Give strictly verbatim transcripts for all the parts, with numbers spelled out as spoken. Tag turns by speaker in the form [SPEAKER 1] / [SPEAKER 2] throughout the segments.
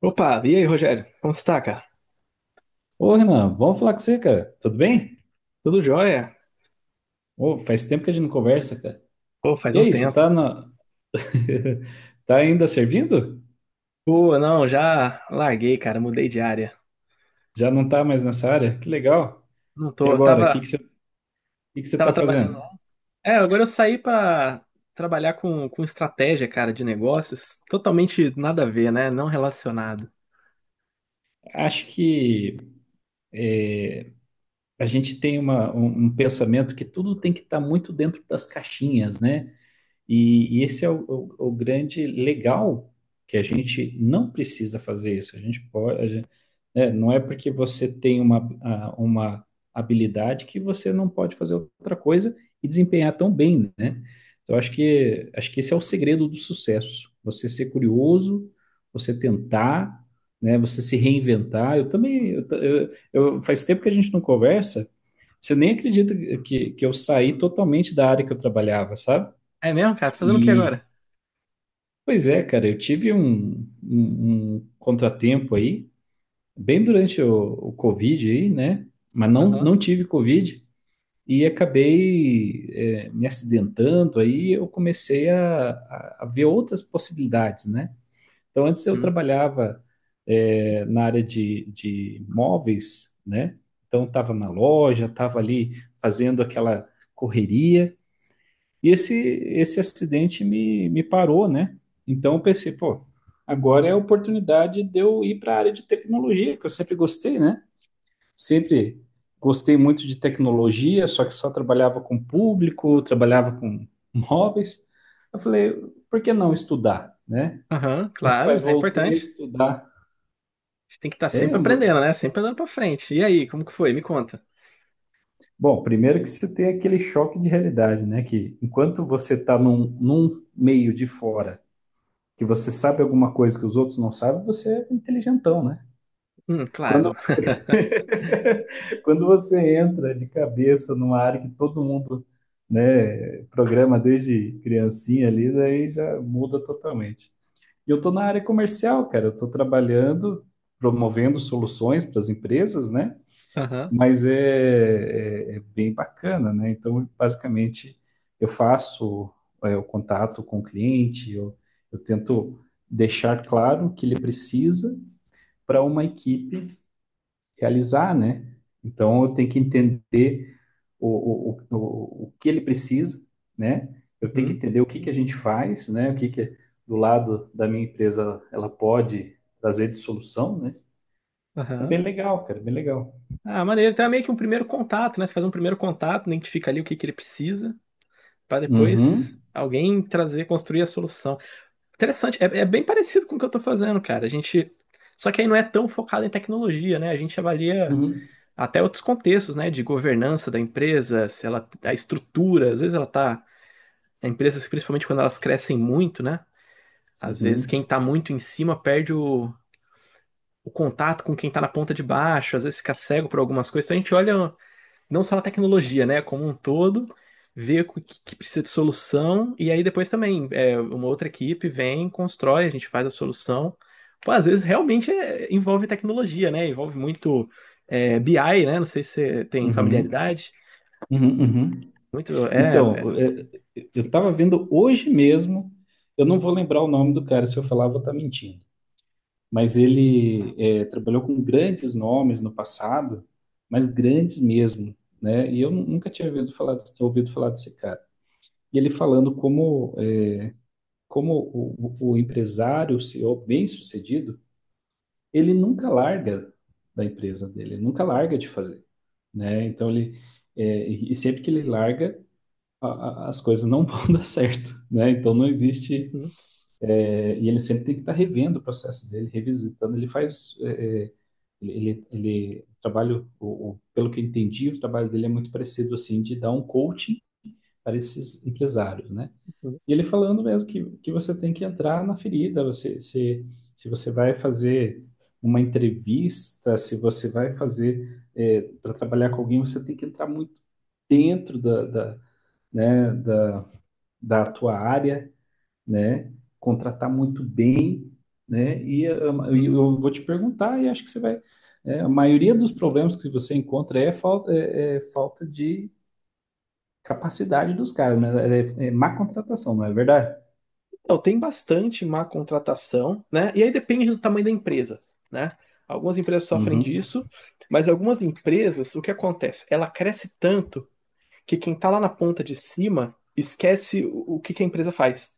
[SPEAKER 1] Opa, e aí, Rogério? Como você tá, cara?
[SPEAKER 2] Ô, Renan, bom falar com você, cara. Tudo bem?
[SPEAKER 1] Tudo jóia?
[SPEAKER 2] Ô, faz tempo que a gente não conversa, cara.
[SPEAKER 1] Pô, faz
[SPEAKER 2] E
[SPEAKER 1] um
[SPEAKER 2] aí, você
[SPEAKER 1] tempo.
[SPEAKER 2] tá na... tá ainda servindo?
[SPEAKER 1] Pô, não, já larguei, cara, mudei de área.
[SPEAKER 2] Já não tá mais nessa área? Que legal.
[SPEAKER 1] Não
[SPEAKER 2] E
[SPEAKER 1] tô,
[SPEAKER 2] agora, o
[SPEAKER 1] tava,
[SPEAKER 2] que que você, o que que você
[SPEAKER 1] tava
[SPEAKER 2] tá
[SPEAKER 1] trabalhando.
[SPEAKER 2] fazendo?
[SPEAKER 1] É, agora eu saí pra trabalhar com, com estratégia, cara, de negócios. Totalmente nada a ver, né? Não relacionado.
[SPEAKER 2] Acho que a gente tem uma, um, um pensamento que tudo tem que estar muito dentro das caixinhas, né? E, e esse é o, o- o grande legal que a gente não precisa fazer isso. A gente pode, né? Não é porque você tem uma, a- uma habilidade que você não pode fazer outra coisa e desempenhar tão bem, né? Então, acho que, acho que esse é o segredo do sucesso. Você ser curioso, você tentar, né? Você se reinventar. Eu também, eu, ta- eu, eu- faz tempo que a gente não conversa. Você nem acredita que, que eu saí totalmente da área que eu trabalhava, sabe?
[SPEAKER 1] É mesmo, cara? Tá fazendo o que
[SPEAKER 2] E,
[SPEAKER 1] agora?
[SPEAKER 2] pois é, cara, eu tive um, um, um contratempo aí bem durante o, o Covid aí, né? Mas não,
[SPEAKER 1] Aham,
[SPEAKER 2] não tive Covid e acabei, é, me acidentando, aí eu comecei a, a- a ver outras possibilidades, né? Então, antes eu
[SPEAKER 1] hum,
[SPEAKER 2] trabalhava, é, na área de, de móveis, né? Então, estava na loja, estava ali fazendo aquela correria, e esse, esse acidente me, me parou, né? Então, eu pensei, pô, agora é a oportunidade de eu ir para a área de tecnologia, que eu sempre gostei, né? Sempre gostei muito de tecnologia, só que só trabalhava com público, trabalhava com móveis. Eu falei, por que não estudar, né?
[SPEAKER 1] aham,
[SPEAKER 2] E,
[SPEAKER 1] claro,
[SPEAKER 2] rapaz,
[SPEAKER 1] é
[SPEAKER 2] voltei a
[SPEAKER 1] importante.
[SPEAKER 2] estudar.
[SPEAKER 1] A gente tem que estar
[SPEAKER 2] É,
[SPEAKER 1] sempre aprendendo, né? Sempre andando pra frente. E aí, como que foi? Me conta.
[SPEAKER 2] bom, primeiro que você tem aquele choque de realidade, né? Que enquanto você está num, num meio de fora, que você sabe alguma coisa que os outros não sabem, você é inteligentão, né?
[SPEAKER 1] Hum,
[SPEAKER 2] Quando
[SPEAKER 1] claro.
[SPEAKER 2] quando você entra de cabeça numa área que todo mundo, né, programa desde criancinha ali, daí já muda totalmente. E eu estou na área comercial, cara. Eu estou trabalhando, promovendo soluções para as empresas, né?
[SPEAKER 1] Aham,
[SPEAKER 2] Mas é, é- é bem bacana, né? Então, basicamente, eu faço, é, o contato com o cliente, eu, eu tento deixar claro o que ele precisa para uma equipe realizar, né? Então, eu tenho que entender o, o, o, o que ele precisa, né? Eu tenho que
[SPEAKER 1] uhum,
[SPEAKER 2] entender o que que a gente faz, né? O que que do lado da minha empresa ela pode trazer de solução, né? É
[SPEAKER 1] aham.
[SPEAKER 2] bem legal, cara, bem legal.
[SPEAKER 1] Ah, maneiro. Então é meio que um primeiro contato, né? Você faz um primeiro contato, identifica ali o que que ele precisa, para depois
[SPEAKER 2] Uhum,
[SPEAKER 1] alguém trazer, construir a solução. Interessante. É, é bem parecido com o que eu tô fazendo, cara. A gente. Só que aí não é tão focado em tecnologia, né? A gente avalia
[SPEAKER 2] uhum,
[SPEAKER 1] até outros contextos, né? De governança da empresa, se ela, a estrutura. Às vezes ela tá. Empresas, principalmente quando elas crescem muito, né? Às vezes
[SPEAKER 2] uhum,
[SPEAKER 1] quem tá muito em cima perde o, o contato com quem tá na ponta de baixo, às vezes fica cego por algumas coisas. Então a gente olha. Não só na tecnologia, né, como um todo, ver o que, que precisa de solução, e aí depois também é, uma outra equipe vem, constrói, a gente faz a solução. Pô, às vezes realmente é- envolve tecnologia, né? Envolve muito é, B I, né? Não sei se você tem
[SPEAKER 2] uhum,
[SPEAKER 1] familiaridade.
[SPEAKER 2] uhum, uhum.
[SPEAKER 1] Muito, é,
[SPEAKER 2] Então,
[SPEAKER 1] é-
[SPEAKER 2] é, eu estava vendo hoje mesmo, eu não vou lembrar o nome do cara, se eu falar, eu vou estar mentindo. Mas ele, é, trabalhou com grandes nomes no passado, mas grandes mesmo, né? E eu nu- nunca tinha ouvido falar, ouvido falar desse cara. E ele falando como, é, como o, o- o empresário, o C E O bem-sucedido, ele nunca larga da empresa dele, ele nunca larga de fazer, né? Então ele, é, e e sempre que ele larga, a- a- as coisas não vão dar certo, né? Então não existe.
[SPEAKER 1] Uhum,
[SPEAKER 2] É, e ele sempre tem que estar revendo o processo dele, revisitando. Ele faz, é, é, ele, ele, o trabalho, o, o- pelo que eu entendi, o trabalho dele é muito parecido assim, de dar um coaching para esses empresários, né?
[SPEAKER 1] uhum,
[SPEAKER 2] E ele falando mesmo que, que você tem que entrar na ferida. Você, se, se você vai fazer uma entrevista, se você vai fazer, é, para trabalhar com alguém, você tem que entrar muito dentro da, da, né, da, da tua área, né? Contratar muito bem, né? E ah, e
[SPEAKER 1] uhum.
[SPEAKER 2] eu vou te perguntar, e acho que você vai. é, a maioria dos problemas que você encontra é falta, é, é falta de capacidade dos caras, né? É, é má contratação, não é verdade?
[SPEAKER 1] Então, tem bastante má contratação, né? E aí depende do tamanho da empresa, né? Algumas empresas sofrem
[SPEAKER 2] Uhum.
[SPEAKER 1] disso, mas algumas empresas, o que acontece? Ela cresce tanto que quem está lá na ponta de cima esquece o, o que, que a empresa faz,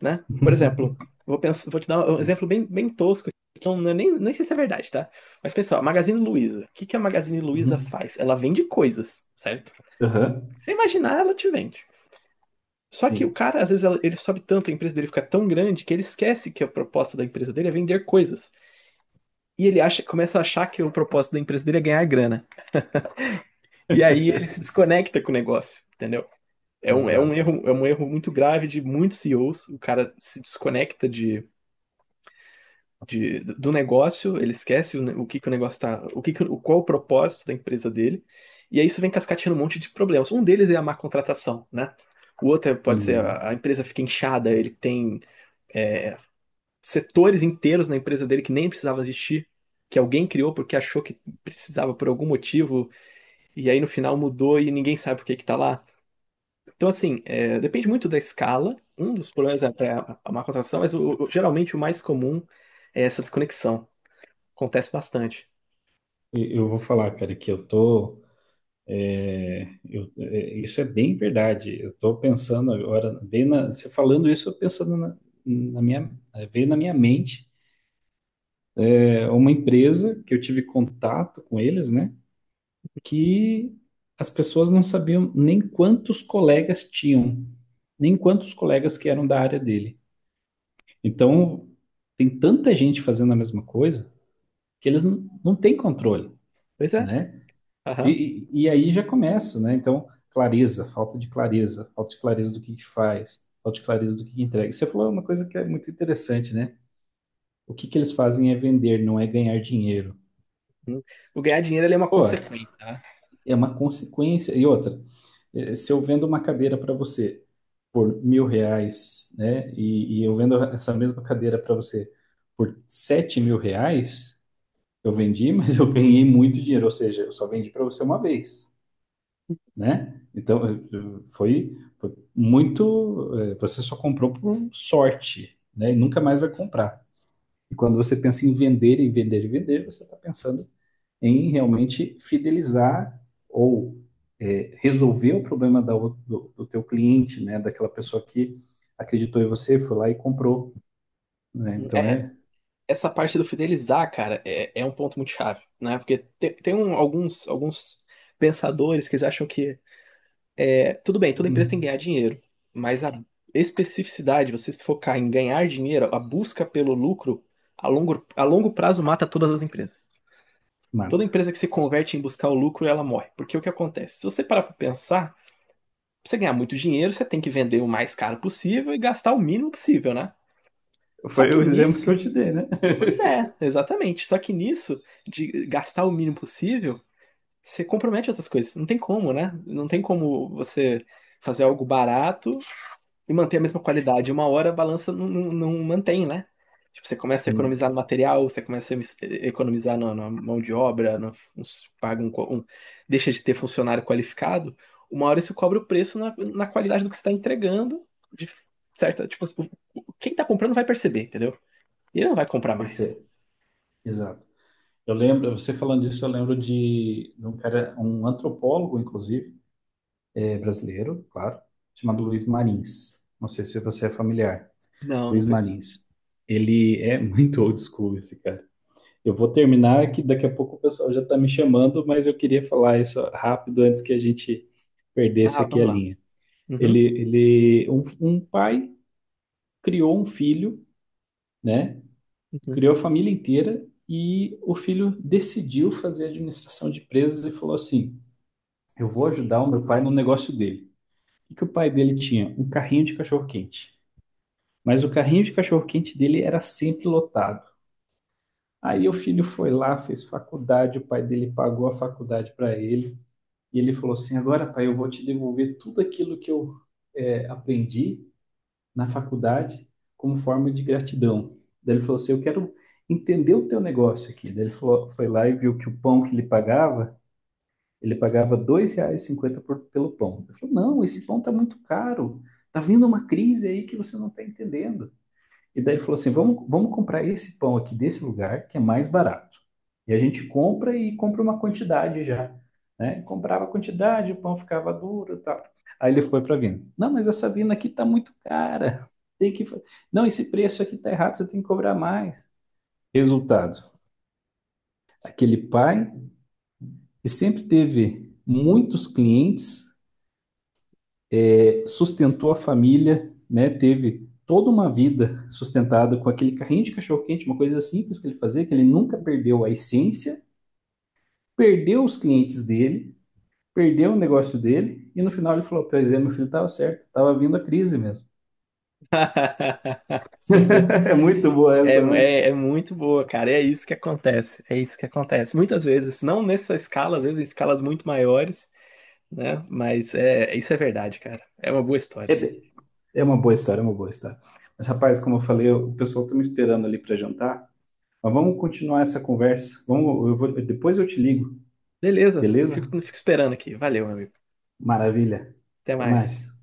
[SPEAKER 1] né? Por exemplo, vou, pensar, vou te dar um
[SPEAKER 2] Sim.
[SPEAKER 1] exemplo bem, bem tosco, que eu não- é nem, nem sei se é verdade, tá? Mas pessoal, a Magazine Luiza. O que, que a Magazine Luiza
[SPEAKER 2] Uhum.
[SPEAKER 1] faz? Ela vende coisas, certo?
[SPEAKER 2] Aham.
[SPEAKER 1] Você imaginar, ela te vende. Só que o
[SPEAKER 2] Sim.
[SPEAKER 1] cara, às vezes, ele sobe tanto, a empresa dele fica tão grande que ele esquece que a proposta da empresa dele é vender coisas. E ele acha, começa a achar que o propósito da empresa dele é ganhar grana. E aí ele se desconecta com o negócio, entendeu? É um, é um
[SPEAKER 2] Exato.
[SPEAKER 1] erro, é um erro muito grave de muitos C E Os. O cara se desconecta de, de, do negócio, ele esquece o, ne- o que que o negócio tá, o que que, o- qual o propósito da empresa dele. E aí isso vem cascateando um monte de problemas. Um deles é a má contratação, né? O outro é- pode ser
[SPEAKER 2] Uhum.
[SPEAKER 1] a, a empresa fica inchada, ele tem é, setores inteiros na empresa dele que nem precisava existir, que alguém criou porque achou que precisava por algum motivo, e aí no final mudou e ninguém sabe por que que tá lá. Então, assim, é, depende muito da escala. Um dos problemas é até a a má contratação, mas o- o- geralmente o mais comum é essa desconexão. Acontece bastante.
[SPEAKER 2] E- Eu vou falar, cara, que eu tô. É, Eu- é, isso é bem verdade. Eu estou pensando agora, bem na- você falando isso, eu pensando na, na minha, eh, veio na minha mente, é, uma empresa que eu tive contato com eles, né? Que as pessoas não sabiam nem quantos colegas tinham, nem quantos colegas que eram da área dele. Então, tem tanta gente fazendo a mesma coisa que eles não, não têm controle,
[SPEAKER 1] Pois é.
[SPEAKER 2] né?
[SPEAKER 1] Aham.
[SPEAKER 2] E, e e aí já começa, né? Então, clareza, falta de clareza, falta de clareza do que que faz, falta de clareza do que que entrega. Você falou uma coisa que é muito interessante, né? O que que eles fazem é vender, não é ganhar dinheiro.
[SPEAKER 1] Hum. O ganhar dinheiro ele é uma
[SPEAKER 2] Pô,
[SPEAKER 1] consequência, né?
[SPEAKER 2] é uma consequência. E outra, eh, se eu vendo uma cadeira para você por mil reais, né? E, e eu vendo essa mesma cadeira para você por sete mil reais, eu vendi, mas eu ganhei muito dinheiro. Ou seja, eu só vendi para você uma vez, né? Então, eh, foi, foi muito. eh, Você só comprou por sorte, né? E nunca mais vai comprar. E quando você pensa em vender e vender e vender, você está pensando em realmente fidelizar ou eh, resolver o problema da ou- do, do teu cliente, né? Daquela pessoa que acreditou em você, foi lá e comprou, né?
[SPEAKER 1] Uhum.
[SPEAKER 2] Então
[SPEAKER 1] É,
[SPEAKER 2] é.
[SPEAKER 1] essa parte do fidelizar, cara, é, é um ponto muito chave, né? Porque tem, tem um- alguns, alguns pensadores que eles acham que é, tudo bem, toda empresa tem que
[SPEAKER 2] hum,
[SPEAKER 1] ganhar dinheiro, mas a especificidade, você se focar em ganhar dinheiro, a busca pelo lucro, a longo, a longo prazo mata todas as empresas. Toda
[SPEAKER 2] Mato.
[SPEAKER 1] empresa que se converte em buscar o lucro, ela morre. Porque o que acontece? Se você parar para pensar, pra você ganhar muito dinheiro, você tem que vender o mais caro possível e gastar o mínimo possível, né? Só
[SPEAKER 2] Foi
[SPEAKER 1] que
[SPEAKER 2] o exemplo que
[SPEAKER 1] nisso,
[SPEAKER 2] eu te dei, né?
[SPEAKER 1] pois é, exatamente. Só que nisso, de gastar o mínimo possível, você compromete outras coisas. Não tem como, né? Não tem como você fazer algo barato e manter a mesma qualidade. Uma hora a balança não, não, não mantém, né? Tipo, você começa a
[SPEAKER 2] Não,
[SPEAKER 1] economizar no material, você começa a emis- economizar na, na mão de obra, no, uns- paga um, co- um- deixa de ter funcionário qualificado. Uma hora isso cobra o preço na, na qualidade do que você está entregando, de certa, tipo, o- o- quem está comprando vai perceber, entendeu? E ele não vai comprar
[SPEAKER 2] por
[SPEAKER 1] mais.
[SPEAKER 2] ser. Exato. Eu lembro, você falando disso, eu lembro de, de um cara, um antropólogo, inclusive, é, brasileiro, claro, chamado Luiz Marins. Não sei se você é familiar.
[SPEAKER 1] Não, não
[SPEAKER 2] Luiz
[SPEAKER 1] penso.
[SPEAKER 2] Marins. Ele é muito old school, esse cara. Eu vou terminar, que daqui a pouco o pessoal já está me chamando, mas eu queria falar isso rápido antes que a gente perdesse
[SPEAKER 1] Ah,
[SPEAKER 2] aqui a
[SPEAKER 1] vamos lá.
[SPEAKER 2] linha. Ele,
[SPEAKER 1] Uhum,
[SPEAKER 2] ele, um, um pai criou um filho, né?
[SPEAKER 1] uhum.
[SPEAKER 2] Criou a família inteira e o filho decidiu fazer administração de empresas e falou assim: eu vou ajudar o meu pai no negócio dele. O que o pai dele tinha? Um carrinho de cachorro-quente. Mas o carrinho de cachorro-quente dele era sempre lotado. Aí o filho foi lá, fez faculdade, o pai dele pagou a faculdade para ele. E ele falou assim: agora, pai, eu vou te devolver tudo aquilo que eu, eh, aprendi na faculdade como forma de gratidão. Daí ele falou assim: eu quero entender o teu negócio aqui. Daí ele falou, foi lá e viu que o pão que ele pagava. Ele pagava dois reais e cinquenta pelo pão. Eu falei: não, esse pão está muito caro. Está vindo uma crise aí que você não está entendendo. E daí ele falou assim: vamos, vamos comprar esse pão aqui desse lugar, que é mais barato. E a gente compra e compra uma quantidade já. Né? Comprava a quantidade, o pão ficava duro e tal. Aí ele foi para a vina. Não, mas essa vina aqui está muito cara. Tem que... Não, esse preço aqui está errado, você tem que cobrar mais. Resultado, aquele pai que sempre teve muitos clientes sustentou a família, né? Teve toda uma vida sustentada com aquele carrinho de cachorro-quente, uma coisa simples que ele fazia, que ele nunca perdeu a essência, perdeu os clientes dele, perdeu o negócio dele, e no final ele falou: pois é, meu filho estava certo, estava vindo a crise mesmo.
[SPEAKER 1] Você vê, né?
[SPEAKER 2] É muito boa
[SPEAKER 1] É,
[SPEAKER 2] essa, né?
[SPEAKER 1] é, é muito boa, cara. É isso que acontece. É isso que acontece. Muitas vezes, não nessa escala, às vezes em escalas muito maiores, né? Mas é, isso é verdade, cara. É uma boa história.
[SPEAKER 2] É, é uma boa história, é uma boa história. Mas, rapaz, como eu falei, o pessoal tá me esperando ali para jantar. Mas vamos continuar essa conversa. Vamos, eu vou, depois eu te ligo,
[SPEAKER 1] Beleza,
[SPEAKER 2] beleza?
[SPEAKER 1] fico, fico esperando aqui. Valeu, meu amigo.
[SPEAKER 2] Maravilha.
[SPEAKER 1] Até
[SPEAKER 2] Até
[SPEAKER 1] mais.
[SPEAKER 2] mais.